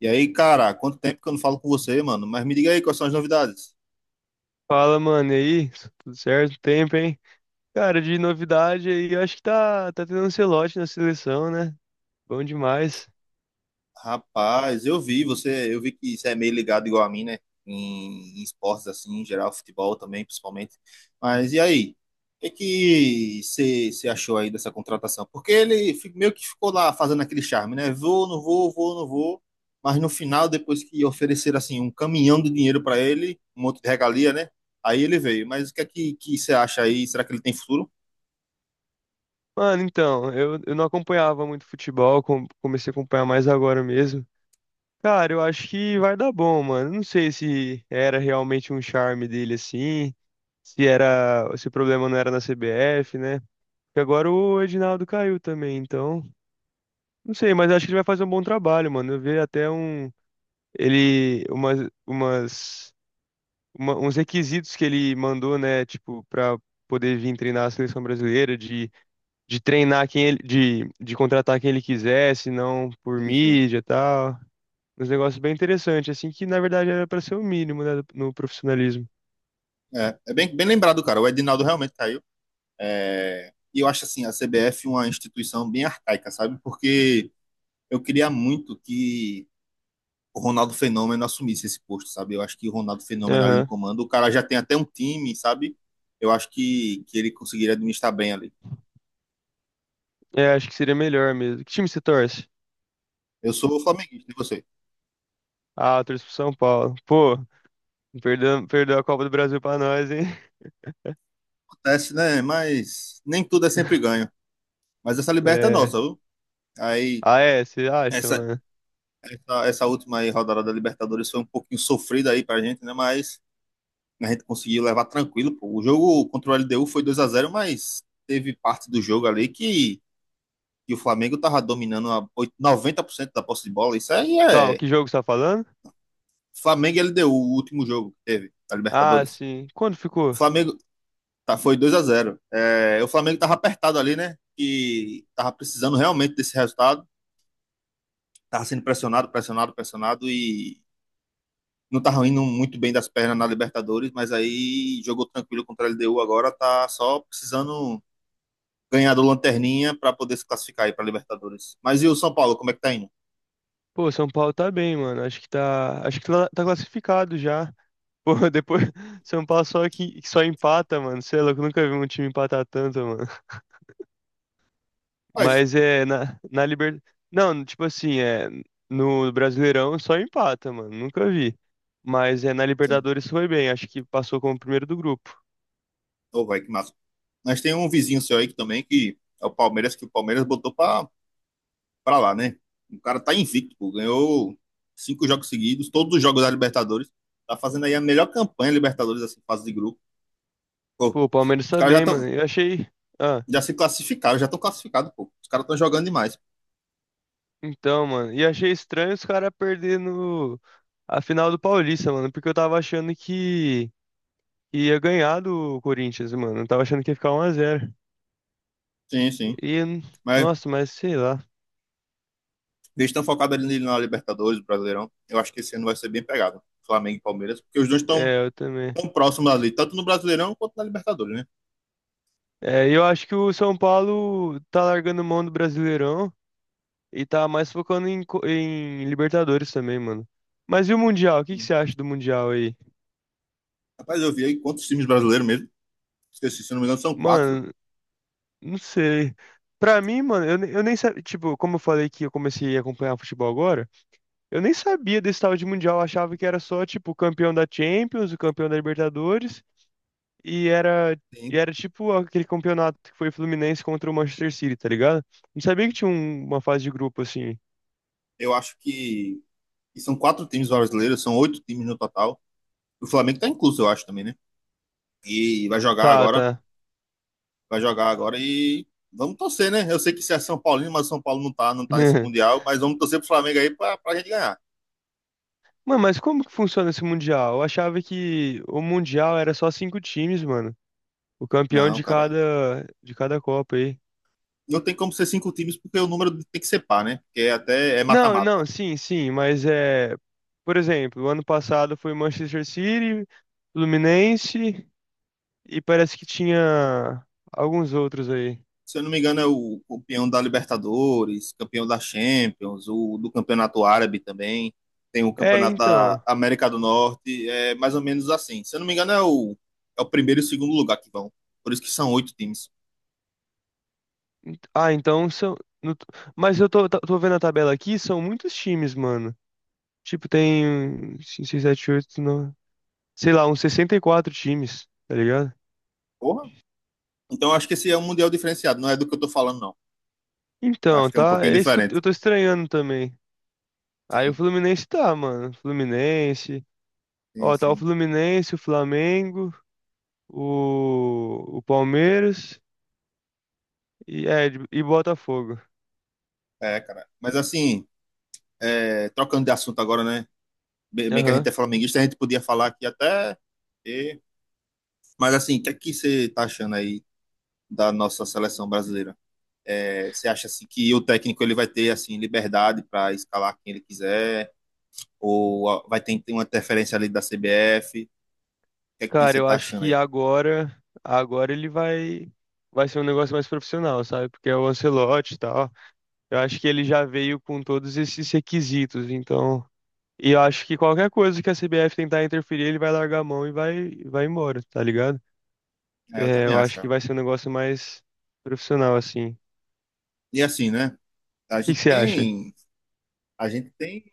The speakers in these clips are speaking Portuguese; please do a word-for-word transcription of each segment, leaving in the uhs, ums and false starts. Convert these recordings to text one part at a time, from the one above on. E aí, cara, quanto tempo que eu não falo com você, mano? Mas me diga aí, quais são as novidades? Fala, mano, e aí? Tudo certo? Tempo, hein? Cara, de novidade aí, eu acho que tá, tá tendo um Ancelotti na seleção, né? Bom demais. Rapaz, eu vi você, eu vi que você é meio ligado igual a mim, né? Em, em esportes assim, em geral, futebol também, principalmente. Mas e aí? O que que você você achou aí dessa contratação? Porque ele fi- meio que ficou lá fazendo aquele charme, né? Vou, não vou, vou, não vou. Mas no final, depois que ofereceram assim um caminhão de dinheiro para ele, um monte de regalia, né? Aí ele veio. Mas o que é que que você acha aí? Será que ele tem futuro? Mano, então, eu, eu não acompanhava muito futebol, com- comecei a acompanhar mais agora mesmo. Cara, eu acho que vai dar bom, mano. Não sei se era realmente um charme dele assim, se era, se o problema não era na C B F, né? Porque agora o Edinaldo caiu também, então, não sei, mas acho que ele vai fazer um bom trabalho, mano. Eu vi até um ele umas umas uma- uns requisitos que ele mandou, né, tipo, para poder vir treinar a seleção brasileira, de, de treinar quem ele, de, de contratar quem ele quisesse, não por Sim, sim. mídia e tal. Uns negócios bem interessantes, assim, que na verdade era para ser o mínimo, né, no profissionalismo. É, é bem, bem lembrado, cara. O Edinaldo realmente caiu. É, e eu acho assim, a C B F uma instituição bem arcaica, sabe? Porque eu queria muito que o Ronaldo Fenômeno assumisse esse posto, sabe? Eu acho que o Ronaldo Fenômeno ali no Aham. comando, o cara já tem até um time, sabe? Eu acho que, que ele conseguiria administrar bem ali. É, acho que seria melhor mesmo. Que time você torce? Eu sou flamenguista, e você? Ah, eu torço pro São Paulo. Pô, perdeu, perdeu a Copa do Brasil pra nós, hein? Acontece, né? Mas nem tudo é sempre ganho. Mas essa liberta é É. nossa, viu? Aí, Ah, é? Você acha, essa, mano? essa, essa última aí, rodada da Libertadores foi um pouquinho sofrida aí pra gente, né? Mas a gente conseguiu levar tranquilo, pô. O jogo contra o L D U foi dois a zero, mas teve parte do jogo ali que, que o Flamengo tava dominando a oit- noventa por cento da posse de bola. Isso aí Calma, é que jogo você tá falando? Flamengo e L D U, o último jogo que teve da Ah, Libertadores. sim. Quando O ficou? Flamengo tá, foi dois a zero. É, o Flamengo tava apertado ali, né? Que tava precisando realmente desse resultado. Tava sendo pressionado, pressionado, pressionado e não tava indo muito bem das pernas na Libertadores, mas aí jogou tranquilo contra a L D U agora, tá só precisando ganhar do Lanterninha para poder se classificar aí para Libertadores. Mas e o São Paulo, como é que tá indo? Pô, São Paulo tá bem, mano. Acho que tá, acho que tá tá classificado já. Pô, depois São Paulo só que que só empata, mano. Sei lá, eu nunca vi um time empatar tanto, mano. Mas, Mas é na na Liber... Não, tipo assim, é no Brasileirão só empata, mano. Nunca vi. Mas é na Libertadores foi bem. Acho que passou como primeiro do grupo. oh, vai, que massa. Mas tem um vizinho seu aí que também que é o Palmeiras, que o Palmeiras botou para lá, né? O cara tá invicto, pô, ganhou cinco jogos seguidos, todos os jogos da Libertadores. Tá fazendo aí a melhor campanha Libertadores, assim, fase de grupo. Pô, Pô, o Palmeiras os tá caras já bem, estão mano. Eu achei, ah, já se classificaram, já estão classificados, pô. Os caras estão jogando demais. então, mano, e achei estranho os caras perdendo a final do Paulista, mano, porque eu tava achando que ia ganhar do Corinthians, mano. Eu tava achando que ia ficar um a zero. Sim, sim. E, Mas nossa, mas sei lá. eles estão focados ali na Libertadores, Brasileirão. Eu acho que esse ano vai ser bem pegado. Flamengo e Palmeiras, porque os dois estão É, eu também. tão próximo ali, tanto no Brasileirão quanto na Libertadores, né? É, e eu acho que o São Paulo tá largando mão do Brasileirão e tá mais focando em, co- em Libertadores também, mano. Mas e o Mundial? O que que você acha do Mundial aí? Rapaz, eu vi aí quantos times brasileiros mesmo. Esqueci, se não me engano, são quatro. Mano, não sei. Pra mim, mano, eu, ne- eu nem sabia. Tipo, como eu falei que eu comecei a acompanhar futebol agora, eu nem sabia desse tal de Mundial. Eu achava que era só, tipo, o campeão da Champions, o campeão da Libertadores. E era, e Sim. era tipo aquele campeonato que foi Fluminense contra o Manchester City, tá ligado? Não sabia que tinha um- uma fase de grupo assim. Eu acho que, que são quatro times brasileiros, são oito times no total. O Flamengo tá incluso, eu acho, também, né? E vai jogar Tá, agora, tá. vai jogar agora e vamos torcer, né? Eu sei que se é São Paulino, mas São Paulo não tá, não tá nesse Mundial, mas vamos torcer pro Flamengo aí pra, pra, gente ganhar. Mano, mas como que funciona esse Mundial? Eu achava que o Mundial era só cinco times, mano. O campeão Não, de cara. cada, de cada Copa aí. Não tem como ser cinco times, porque o número tem que ser par, né? Porque até é Não, mata-mata. não, sim, sim, mas é. Por exemplo, o ano passado foi Manchester City, Fluminense e parece que tinha alguns outros aí. Se eu não me engano, é o campeão da Libertadores, campeão da Champions, o do Campeonato Árabe também. Tem o É, Campeonato da então. América do Norte. É mais ou menos assim. Se eu não me engano, é o, é o primeiro e o segundo lugar que vão. Por isso que são oito times. Ah, então são. no- Mas eu tô, tá- tô vendo a tabela aqui, são muitos times, mano. Tipo, tem cinco, seis, sete, oito, nove. Sei lá, uns sessenta e quatro times, tá ligado? Porra. Então eu acho que esse é um mundial diferenciado. Não é do que eu tô falando, não. Eu Acho Então, que é um tá. pouquinho É isso que eu diferente. eu tô estranhando também. Aí o Sim, Fluminense tá, mano. Fluminense. sim, Ó, tá o sim. Fluminense, o Flamengo, o, o Palmeiras e, é, e Botafogo. É, cara. Mas assim, é, trocando de assunto agora, né? Bem bem que a gente Aham. é flamenguista, a gente podia falar aqui até. e- Mas assim, o que é que você tá achando aí da nossa seleção brasileira? É, você acha assim que o técnico ele vai ter assim liberdade para escalar quem ele quiser ou vai ter, ter uma interferência ali da C B F? O que é que Cara, você eu está acho achando que aí? agora. Agora ele vai. Vai ser um negócio mais profissional, sabe? Porque é o Ancelotti e tal. Eu acho que ele já veio com todos esses requisitos, então. E eu acho que qualquer coisa que a C B F tentar interferir, ele vai largar a mão e vai, vai embora, tá ligado? É, eu É, também eu acho. acho que cara. vai ser um negócio mais profissional, assim. O E assim, né? A que que gente você acha? tem a gente tem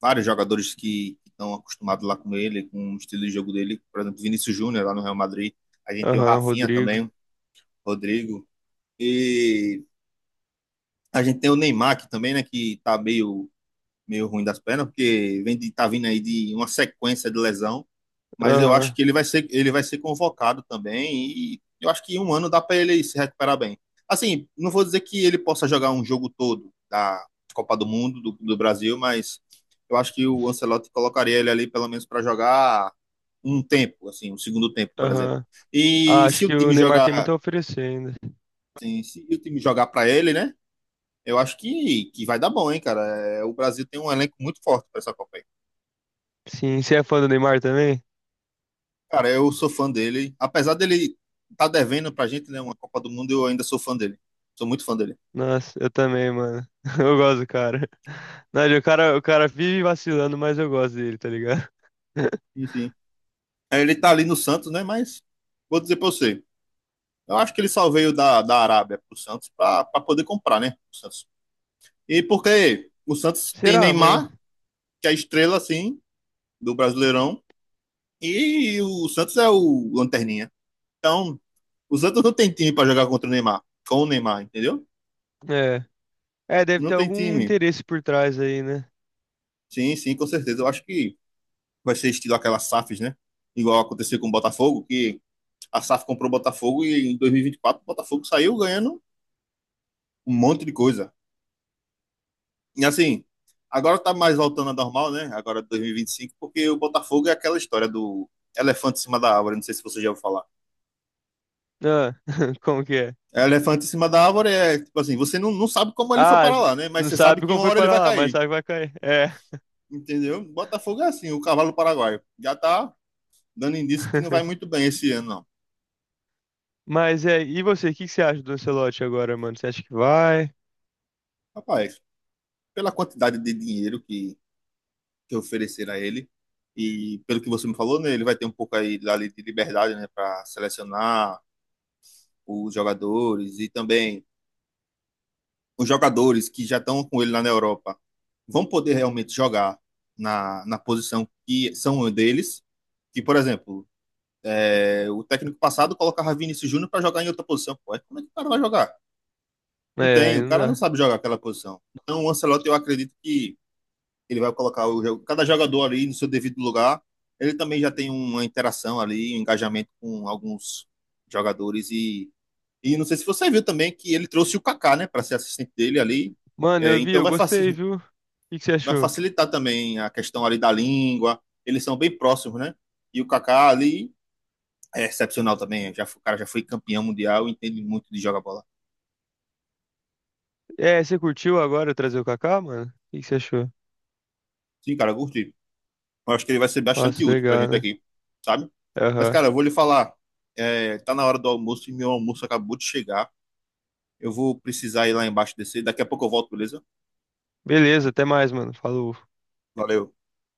vários jogadores que estão acostumados lá com ele, com o estilo de jogo dele, por exemplo, Vinícius Júnior lá no Real Madrid. A gente tem o Aham, Rafinha Rodrigo. também, o Rodrigo e a gente tem o Neymar que também, né, que tá meio meio ruim das pernas, porque vem de, tá vindo aí de uma sequência de lesão, mas eu acho Aham, que ele vai ser, ele vai ser convocado também e eu acho que em um ano dá para ele se recuperar bem. Assim, não vou dizer que ele possa jogar um jogo todo da Copa do Mundo, do, do Brasil, mas eu acho que o Ancelotti colocaria ele ali pelo menos para jogar um tempo, assim, um segundo tempo, por exemplo. aham. Ah, E se acho o que o time Neymar tem muito a jogar, oferecer ainda. assim, se o time jogar para ele, né? Eu acho que, que vai dar bom, hein, cara. É, O Brasil tem um elenco muito forte para essa Copa. Sim, você é fã do Neymar também? Cara, eu sou fã dele. Apesar dele tá devendo pra gente, né, uma Copa do Mundo, eu ainda sou fã dele. Sou muito fã dele. Nossa, eu também, mano. Eu gosto do cara. Não, o cara, o cara vive vacilando, mas eu gosto dele, tá ligado? Sim, sim. É, Ele tá ali no Santos, né, mas vou dizer pra você. Eu acho que ele só veio da, da, Arábia pro Santos pra, pra poder comprar, né, o Santos. E porque o Santos tem Será, mano? Neymar, que é a estrela, assim, do Brasileirão, e o Santos é o lanterninha. Então, o Santos não tem time pra jogar contra o Neymar, com o Neymar, entendeu? É. É, deve Não ter tem algum time. interesse por trás aí, né? Sim, sim, com certeza. Eu acho que vai ser estilo aquela S A Fs, né? Igual aconteceu com o Botafogo, que a S A F comprou o Botafogo e em dois mil e vinte e quatro o Botafogo saiu ganhando um monte de coisa. E assim, agora tá mais voltando a normal, né? Agora dois mil e vinte e cinco, porque o Botafogo é aquela história do elefante em cima da árvore, não sei se você já ouviu falar. Ah, como que é? É, Elefante em cima da árvore é, tipo assim, você não, não sabe como ele foi Ah, para s- lá, né? Mas não você sabe sabe que como uma foi hora ele parar vai lá, mas cair, sabe que vai cair. É. entendeu? Botafogo é assim, o cavalo paraguaio. Já tá dando indício que não vai muito bem esse ano, não. Mas é, e você, o que que você acha do Ancelotti agora, mano? Você acha que vai? Rapaz, pela quantidade de dinheiro que que oferecer a ele. E pelo que você me falou, né, ele vai ter um pouco aí ali de liberdade, né, para selecionar os jogadores e também os jogadores que já estão com ele lá na Europa vão poder realmente jogar na, na, posição que são deles. Que, por exemplo, é, o técnico passado colocava Vinícius Júnior para jogar em outra posição. Pô, como é que o cara vai jogar? Não É, tem, aí o não cara não dá. sabe jogar aquela posição. Então, o Ancelotti, eu acredito que ele vai colocar o, cada jogador ali no seu devido lugar. Ele também já tem uma interação ali, um engajamento com alguns jogadores e e não sei se você viu também que ele trouxe o Kaká, né, para ser assistente dele ali. Mano, É, eu vi, então eu vai, faci gostei, viu? O que que você vai achou? facilitar também a questão ali da língua. Eles são bem próximos, né? E o Kaká ali é excepcional também. Já, foi- o cara já foi campeão mundial, entende muito de jogar bola. É, você curtiu agora eu trazer o Kaká, mano? O que que você achou? Sim, cara, eu curti. Eu acho que ele vai ser bastante Nossa, útil pra legal, gente né? aqui, sabe? Mas, Aham. cara, eu vou lhe falar. É, tá na hora do almoço e meu almoço acabou de chegar. Eu vou precisar ir lá embaixo descer. Daqui a pouco eu volto, beleza? Beleza, até mais, mano. Falou. Valeu.